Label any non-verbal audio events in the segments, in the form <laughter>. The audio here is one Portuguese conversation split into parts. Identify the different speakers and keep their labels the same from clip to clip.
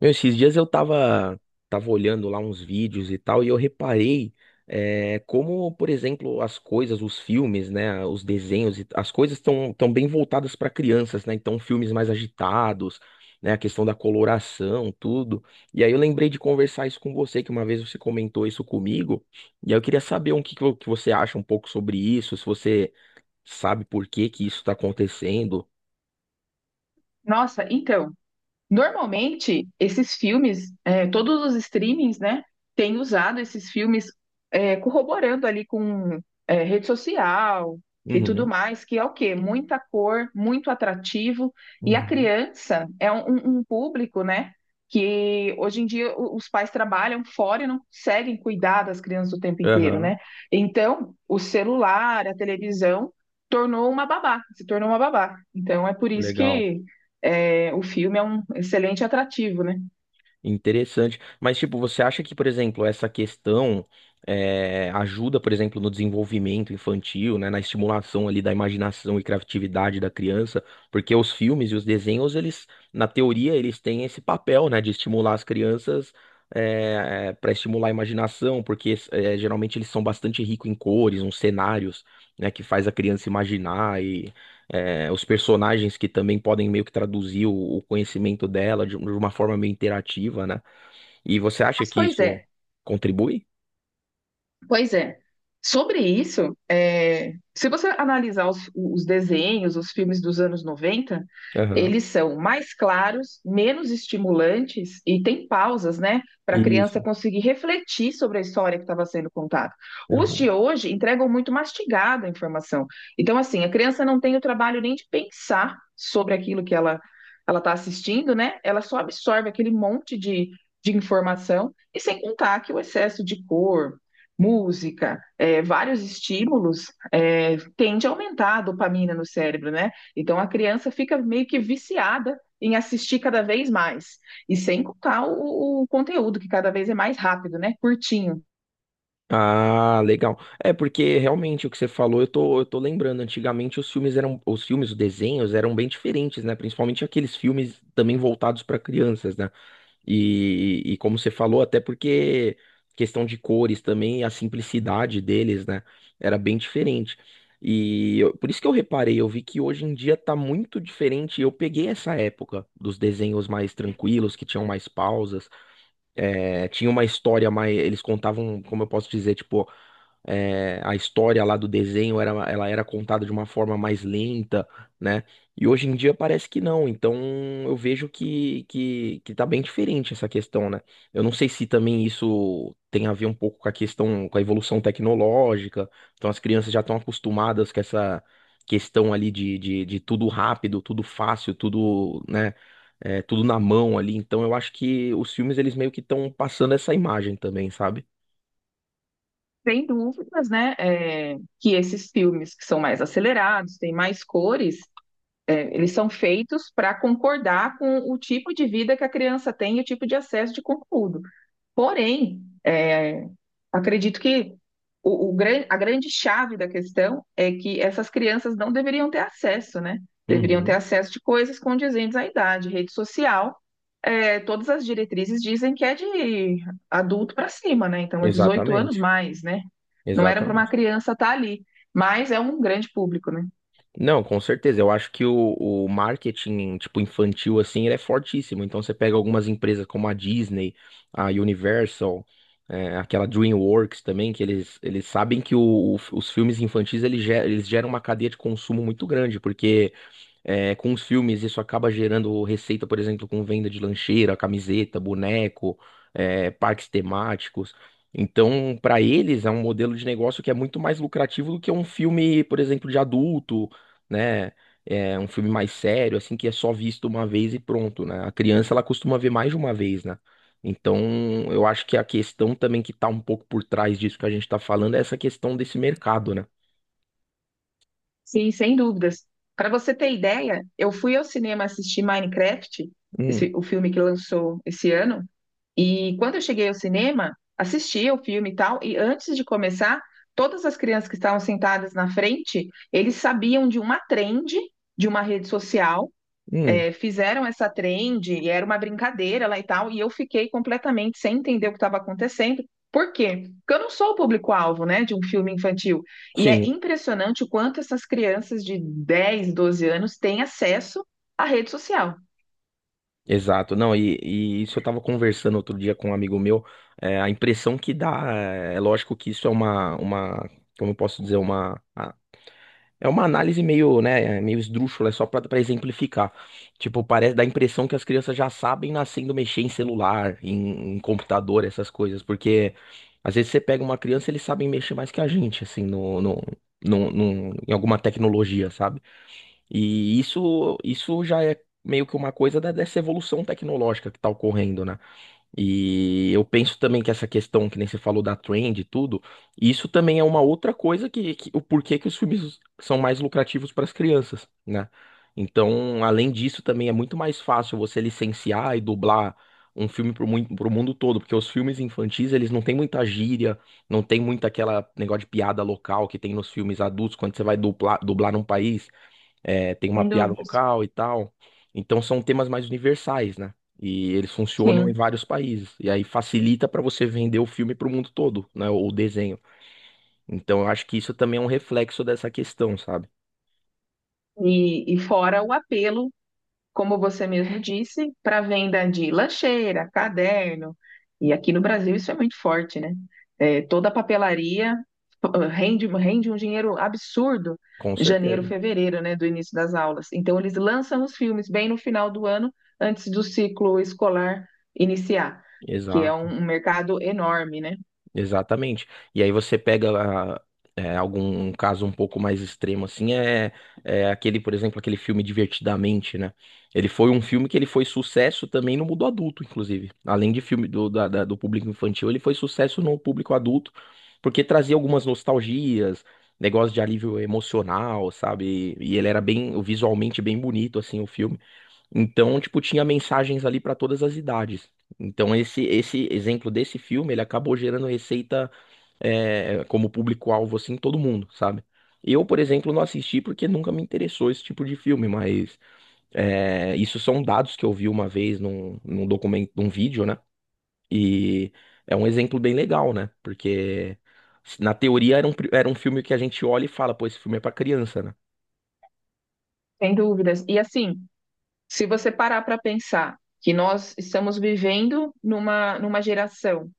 Speaker 1: Meu, esses dias eu tava olhando lá uns vídeos e tal, e eu reparei como, por exemplo, as coisas, os filmes, né, os desenhos, as coisas estão tão tão bem voltadas para crianças, né? Então, filmes mais agitados, né, a questão da coloração, tudo. E aí eu lembrei de conversar isso com você, que uma vez você comentou isso comigo, e aí eu queria saber o que, que que você acha um pouco sobre isso, se você sabe por que que isso está acontecendo.
Speaker 2: Nossa, então, normalmente esses filmes, todos os streamings, né, têm usado esses filmes corroborando ali com rede social e tudo
Speaker 1: Uhum.
Speaker 2: mais, que é o quê? Muita cor, muito atrativo, e a
Speaker 1: Uhum.
Speaker 2: criança é um público, né, que hoje em dia os pais trabalham fora e não conseguem cuidar das crianças o tempo inteiro,
Speaker 1: Aham.
Speaker 2: né? Então, o celular, a televisão, tornou uma babá, se tornou uma babá. Então, é por isso
Speaker 1: Legal.
Speaker 2: que o filme é um excelente atrativo, né?
Speaker 1: Interessante. Mas, tipo, você acha que, por exemplo, essa questão ajuda, por exemplo, no desenvolvimento infantil, né, na estimulação ali da imaginação e criatividade da criança? Porque os filmes e os desenhos, eles, na teoria, eles têm esse papel, né, de estimular as crianças para estimular a imaginação, porque geralmente eles são bastante ricos em cores, uns cenários, né, que faz a criança imaginar os personagens que também podem meio que traduzir o conhecimento dela de, de uma forma meio interativa, né? E você acha
Speaker 2: Mas,
Speaker 1: que
Speaker 2: pois
Speaker 1: isso
Speaker 2: é,
Speaker 1: contribui?
Speaker 2: pois é. Sobre isso, é, se você analisar os desenhos, os filmes dos anos 90,
Speaker 1: Aham.
Speaker 2: eles são mais claros, menos estimulantes e tem pausas, né, para a criança
Speaker 1: Isso.
Speaker 2: conseguir refletir sobre a história que estava sendo contada. Os de
Speaker 1: Aham.
Speaker 2: hoje entregam muito mastigada a informação. Então, assim, a criança não tem o trabalho nem de pensar sobre aquilo que ela está assistindo, né? Ela só absorve aquele monte de informação, e sem contar que o excesso de cor, música, vários estímulos, tende a aumentar a dopamina no cérebro, né? Então a criança fica meio que viciada em assistir cada vez mais. E sem contar o conteúdo, que cada vez é mais rápido, né? Curtinho.
Speaker 1: Ah, legal. É porque realmente o que você falou, eu tô lembrando, antigamente os filmes eram, os filmes, os desenhos eram bem diferentes, né? Principalmente aqueles filmes também voltados para crianças, né? E como você falou, até porque questão de cores também, a simplicidade deles, né? Era bem diferente. Por isso que eu reparei, eu vi que hoje em dia tá muito diferente. Eu peguei essa época dos desenhos mais tranquilos, que tinham mais pausas. É, tinha uma história mais. Eles contavam, como eu posso dizer, tipo, a história lá do desenho era, ela era contada de uma forma mais lenta, né? E hoje em dia parece que não. Então eu vejo que tá bem diferente essa questão, né? Eu não sei se também isso tem a ver um pouco com a questão, com a evolução tecnológica. Então as crianças já estão acostumadas com essa questão ali de tudo rápido, tudo fácil, tudo, né? Tudo na mão ali. Então eu acho que os filmes eles meio que estão passando essa imagem também, sabe?
Speaker 2: Sem dúvidas, né? Que esses filmes que são mais acelerados, têm mais cores. Eles são feitos para concordar com o tipo de vida que a criança tem e o tipo de acesso de conteúdo. Porém, é, acredito que a grande chave da questão é que essas crianças não deveriam ter acesso, né? Deveriam ter
Speaker 1: Uhum.
Speaker 2: acesso de coisas condizentes à idade. Rede social, é, todas as diretrizes dizem que é de adulto para cima, né? Então é 18 anos
Speaker 1: Exatamente,
Speaker 2: mais, né? Não era para uma
Speaker 1: exatamente.
Speaker 2: criança estar ali, mas é um grande público, né?
Speaker 1: Não, com certeza. Eu acho que o marketing, tipo, infantil, assim, ele é fortíssimo. Então, você pega algumas empresas como a Disney, a Universal, aquela DreamWorks também, que eles sabem que os filmes infantis, eles geram uma cadeia de consumo muito grande, porque com os filmes, isso acaba gerando receita, por exemplo, com venda de lancheira, camiseta, boneco, parques temáticos. Então, para eles, é um modelo de negócio que é muito mais lucrativo do que um filme, por exemplo, de adulto, né? É um filme mais sério, assim, que é só visto uma vez e pronto, né? A criança, ela costuma ver mais de uma vez, né? Então, eu acho que a questão também que tá um pouco por trás disso que a gente tá falando é essa questão desse mercado, né?
Speaker 2: Sim, sem dúvidas. Para você ter ideia, eu fui ao cinema assistir Minecraft,
Speaker 1: Hum,
Speaker 2: esse, o filme que lançou esse ano. E quando eu cheguei ao cinema, assisti o filme e tal, e antes de começar, todas as crianças que estavam sentadas na frente, eles sabiam de uma trend de uma rede social,
Speaker 1: hum,
Speaker 2: fizeram essa trend, e era uma brincadeira lá e tal, e eu fiquei completamente sem entender o que estava acontecendo. Por quê? Porque eu não sou o público-alvo, né, de um filme infantil. E é
Speaker 1: sim.
Speaker 2: impressionante o quanto essas crianças de 10, 12 anos têm acesso à rede social.
Speaker 1: Exato. Não, e isso eu tava conversando outro dia com um amigo meu, a impressão que dá, é, é lógico que isso é uma, como eu posso dizer, uma, é uma análise meio, né, meio esdrúxula, é só pra exemplificar, tipo, parece, dá a impressão que as crianças já sabem nascendo mexer em celular, em computador, essas coisas, porque às vezes você pega uma criança, eles sabem mexer mais que a gente, assim, em alguma tecnologia, sabe? E isso já é meio que uma coisa dessa evolução tecnológica que está ocorrendo, né? E eu penso também que essa questão que nem você falou da trend e tudo, isso também é uma outra coisa o porquê que os filmes são mais lucrativos para as crianças, né? Então, além disso, também é muito mais fácil você licenciar e dublar um filme para o mundo todo, porque os filmes infantis, eles não têm muita gíria, não tem muito aquela negócio de piada local que tem nos filmes adultos, quando você vai dublar num país tem uma
Speaker 2: Sem
Speaker 1: piada
Speaker 2: dúvidas.
Speaker 1: local e tal. Então são temas mais universais, né? E eles funcionam em
Speaker 2: Sim.
Speaker 1: vários países. E aí facilita para você vender o filme para o mundo todo, né? Ou o desenho. Então eu acho que isso também é um reflexo dessa questão, sabe?
Speaker 2: E fora o apelo, como você mesmo disse, para venda de lancheira, caderno. E aqui no Brasil isso é muito forte, né? É, toda papelaria, rende um dinheiro absurdo
Speaker 1: Com
Speaker 2: em janeiro,
Speaker 1: certeza.
Speaker 2: fevereiro, né, do início das aulas. Então eles lançam os filmes bem no final do ano, antes do ciclo escolar iniciar, que é
Speaker 1: Exato.
Speaker 2: um mercado enorme, né?
Speaker 1: Exatamente. E aí você pega algum um caso um pouco mais extremo, assim, é aquele, por exemplo, aquele filme Divertidamente, né? Ele foi um filme que ele foi sucesso também no mundo adulto, inclusive. Além de filme do público infantil, ele foi sucesso no público adulto, porque trazia algumas nostalgias, negócio de alívio emocional, sabe? E ele era bem, visualmente bem bonito, assim, o filme. Então, tipo, tinha mensagens ali para todas as idades. Então, esse exemplo desse filme, ele acabou gerando receita como público-alvo, assim, todo mundo, sabe? Eu, por exemplo, não assisti porque nunca me interessou esse tipo de filme, mas isso são dados que eu vi uma vez num documento, num vídeo, né? E é um exemplo bem legal, né? Porque na teoria era um filme que a gente olha e fala, pô, esse filme é pra criança, né?
Speaker 2: Sem dúvidas. E assim, se você parar para pensar que nós estamos vivendo numa geração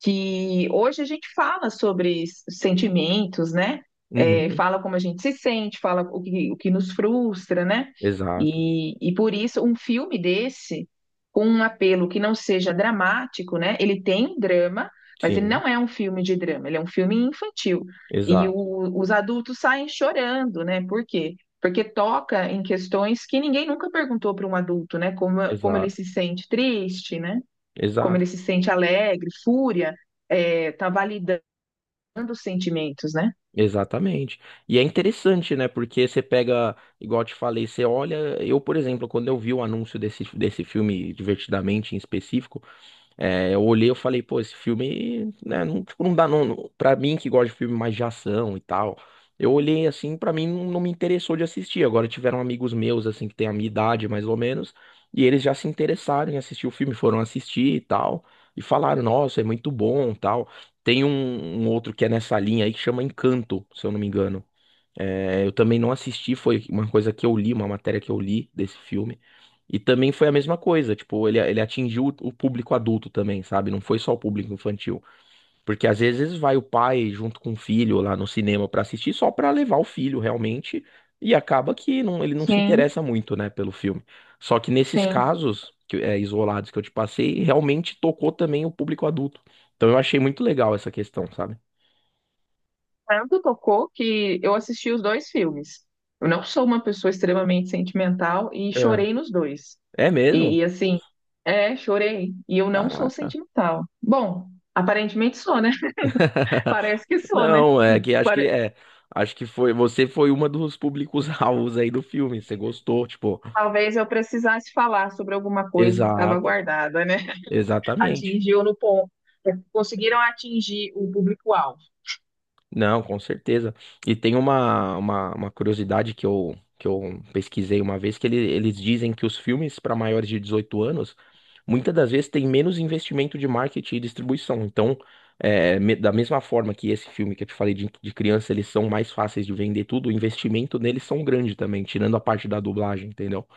Speaker 2: que hoje a gente fala sobre sentimentos, né? É,
Speaker 1: Uhum.
Speaker 2: fala como a gente se sente, fala o que nos frustra, né?
Speaker 1: Exato,
Speaker 2: E por isso, um filme desse, com um apelo que não seja dramático, né? Ele tem um drama, mas ele
Speaker 1: sim,
Speaker 2: não é um filme de drama, ele é um filme infantil. E
Speaker 1: exato,
Speaker 2: os adultos saem chorando, né? Por quê? Porque toca em questões que ninguém nunca perguntou para um adulto, né? Como ele
Speaker 1: exato.
Speaker 2: se sente triste, né? Como
Speaker 1: Exato.
Speaker 2: ele se sente alegre, fúria, é, tá validando os sentimentos, né?
Speaker 1: Exatamente. E é interessante, né? Porque você pega, igual eu te falei, você olha. Eu, por exemplo, quando eu vi o anúncio desse filme, Divertidamente em específico, eu olhei, eu falei, pô, esse filme, né, não, tipo, não dá, pra mim que gosta de filme mais de ação e tal, eu olhei assim, pra mim não me interessou de assistir. Agora tiveram amigos meus, assim, que têm a minha idade, mais ou menos, e eles já se interessaram em assistir o filme, foram assistir e tal, e falaram, nossa, é muito bom, tal. Tem um outro que é nessa linha aí que chama Encanto, se eu não me engano. É, eu também não assisti, foi uma coisa que eu li, uma matéria que eu li desse filme. E também foi a mesma coisa, tipo, ele atingiu o público adulto também, sabe? Não foi só o público infantil. Porque às vezes vai o pai junto com o filho lá no cinema pra assistir só pra levar o filho realmente. E acaba que ele não se
Speaker 2: Sim,
Speaker 1: interessa muito, né, pelo filme. Só que nesses
Speaker 2: sim.
Speaker 1: casos, que, é, isolados que eu te passei, realmente tocou também o público adulto. Então eu achei muito legal essa questão, sabe?
Speaker 2: Tanto tocou que eu assisti os dois filmes. Eu não sou uma pessoa extremamente sentimental e
Speaker 1: É.
Speaker 2: chorei nos dois.
Speaker 1: É mesmo?
Speaker 2: E, e assim, chorei. E eu não sou
Speaker 1: Caraca.
Speaker 2: sentimental. Bom, aparentemente sou, né? <laughs> Parece que
Speaker 1: <laughs>
Speaker 2: sou, né?
Speaker 1: Não, é que acho que
Speaker 2: Pare-
Speaker 1: é. Acho que foi. Você foi uma dos públicos-alvos <laughs> aí do filme. Você gostou, tipo.
Speaker 2: talvez eu precisasse falar sobre alguma coisa que estava
Speaker 1: Exato,
Speaker 2: guardada, né? <laughs>
Speaker 1: exatamente.
Speaker 2: Atingiu no ponto. Conseguiram atingir o público-alvo.
Speaker 1: Não, com certeza. E tem uma curiosidade que eu pesquisei uma vez, eles dizem que os filmes para maiores de 18 anos, muitas das vezes, têm menos investimento de marketing e distribuição. Então, da mesma forma que esse filme que eu te falei de criança, eles são mais fáceis de vender tudo, o investimento neles são grande também, tirando a parte da dublagem, entendeu?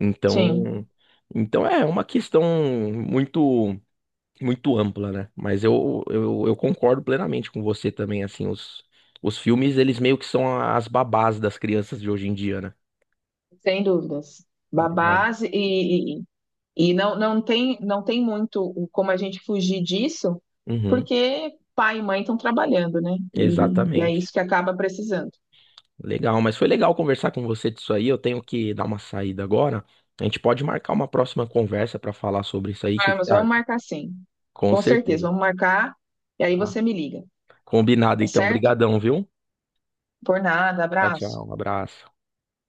Speaker 1: Então,
Speaker 2: Sim.
Speaker 1: é uma questão muito muito ampla, né? Mas eu concordo plenamente com você também, assim, os filmes, eles meio que são as babás das crianças de hoje em dia, né?
Speaker 2: Sem dúvidas.
Speaker 1: Legal.
Speaker 2: Babás e, e não, não tem, não tem muito como a gente fugir disso,
Speaker 1: Uhum,
Speaker 2: porque pai e mãe estão trabalhando, né? E é isso
Speaker 1: exatamente.
Speaker 2: que acaba precisando.
Speaker 1: Legal, mas foi legal conversar com você disso aí. Eu tenho que dar uma saída agora. A gente pode marcar uma próxima conversa para falar sobre isso aí,
Speaker 2: Ah,
Speaker 1: que
Speaker 2: mas
Speaker 1: você
Speaker 2: vamos
Speaker 1: acha?
Speaker 2: marcar sim.
Speaker 1: Com
Speaker 2: Com certeza,
Speaker 1: certeza,
Speaker 2: vamos marcar. E aí
Speaker 1: tá?
Speaker 2: você me liga,
Speaker 1: Combinado
Speaker 2: tá
Speaker 1: então.
Speaker 2: certo?
Speaker 1: Obrigadão, viu?
Speaker 2: Por nada,
Speaker 1: Tchau,
Speaker 2: abraço.
Speaker 1: tchau. Um abraço.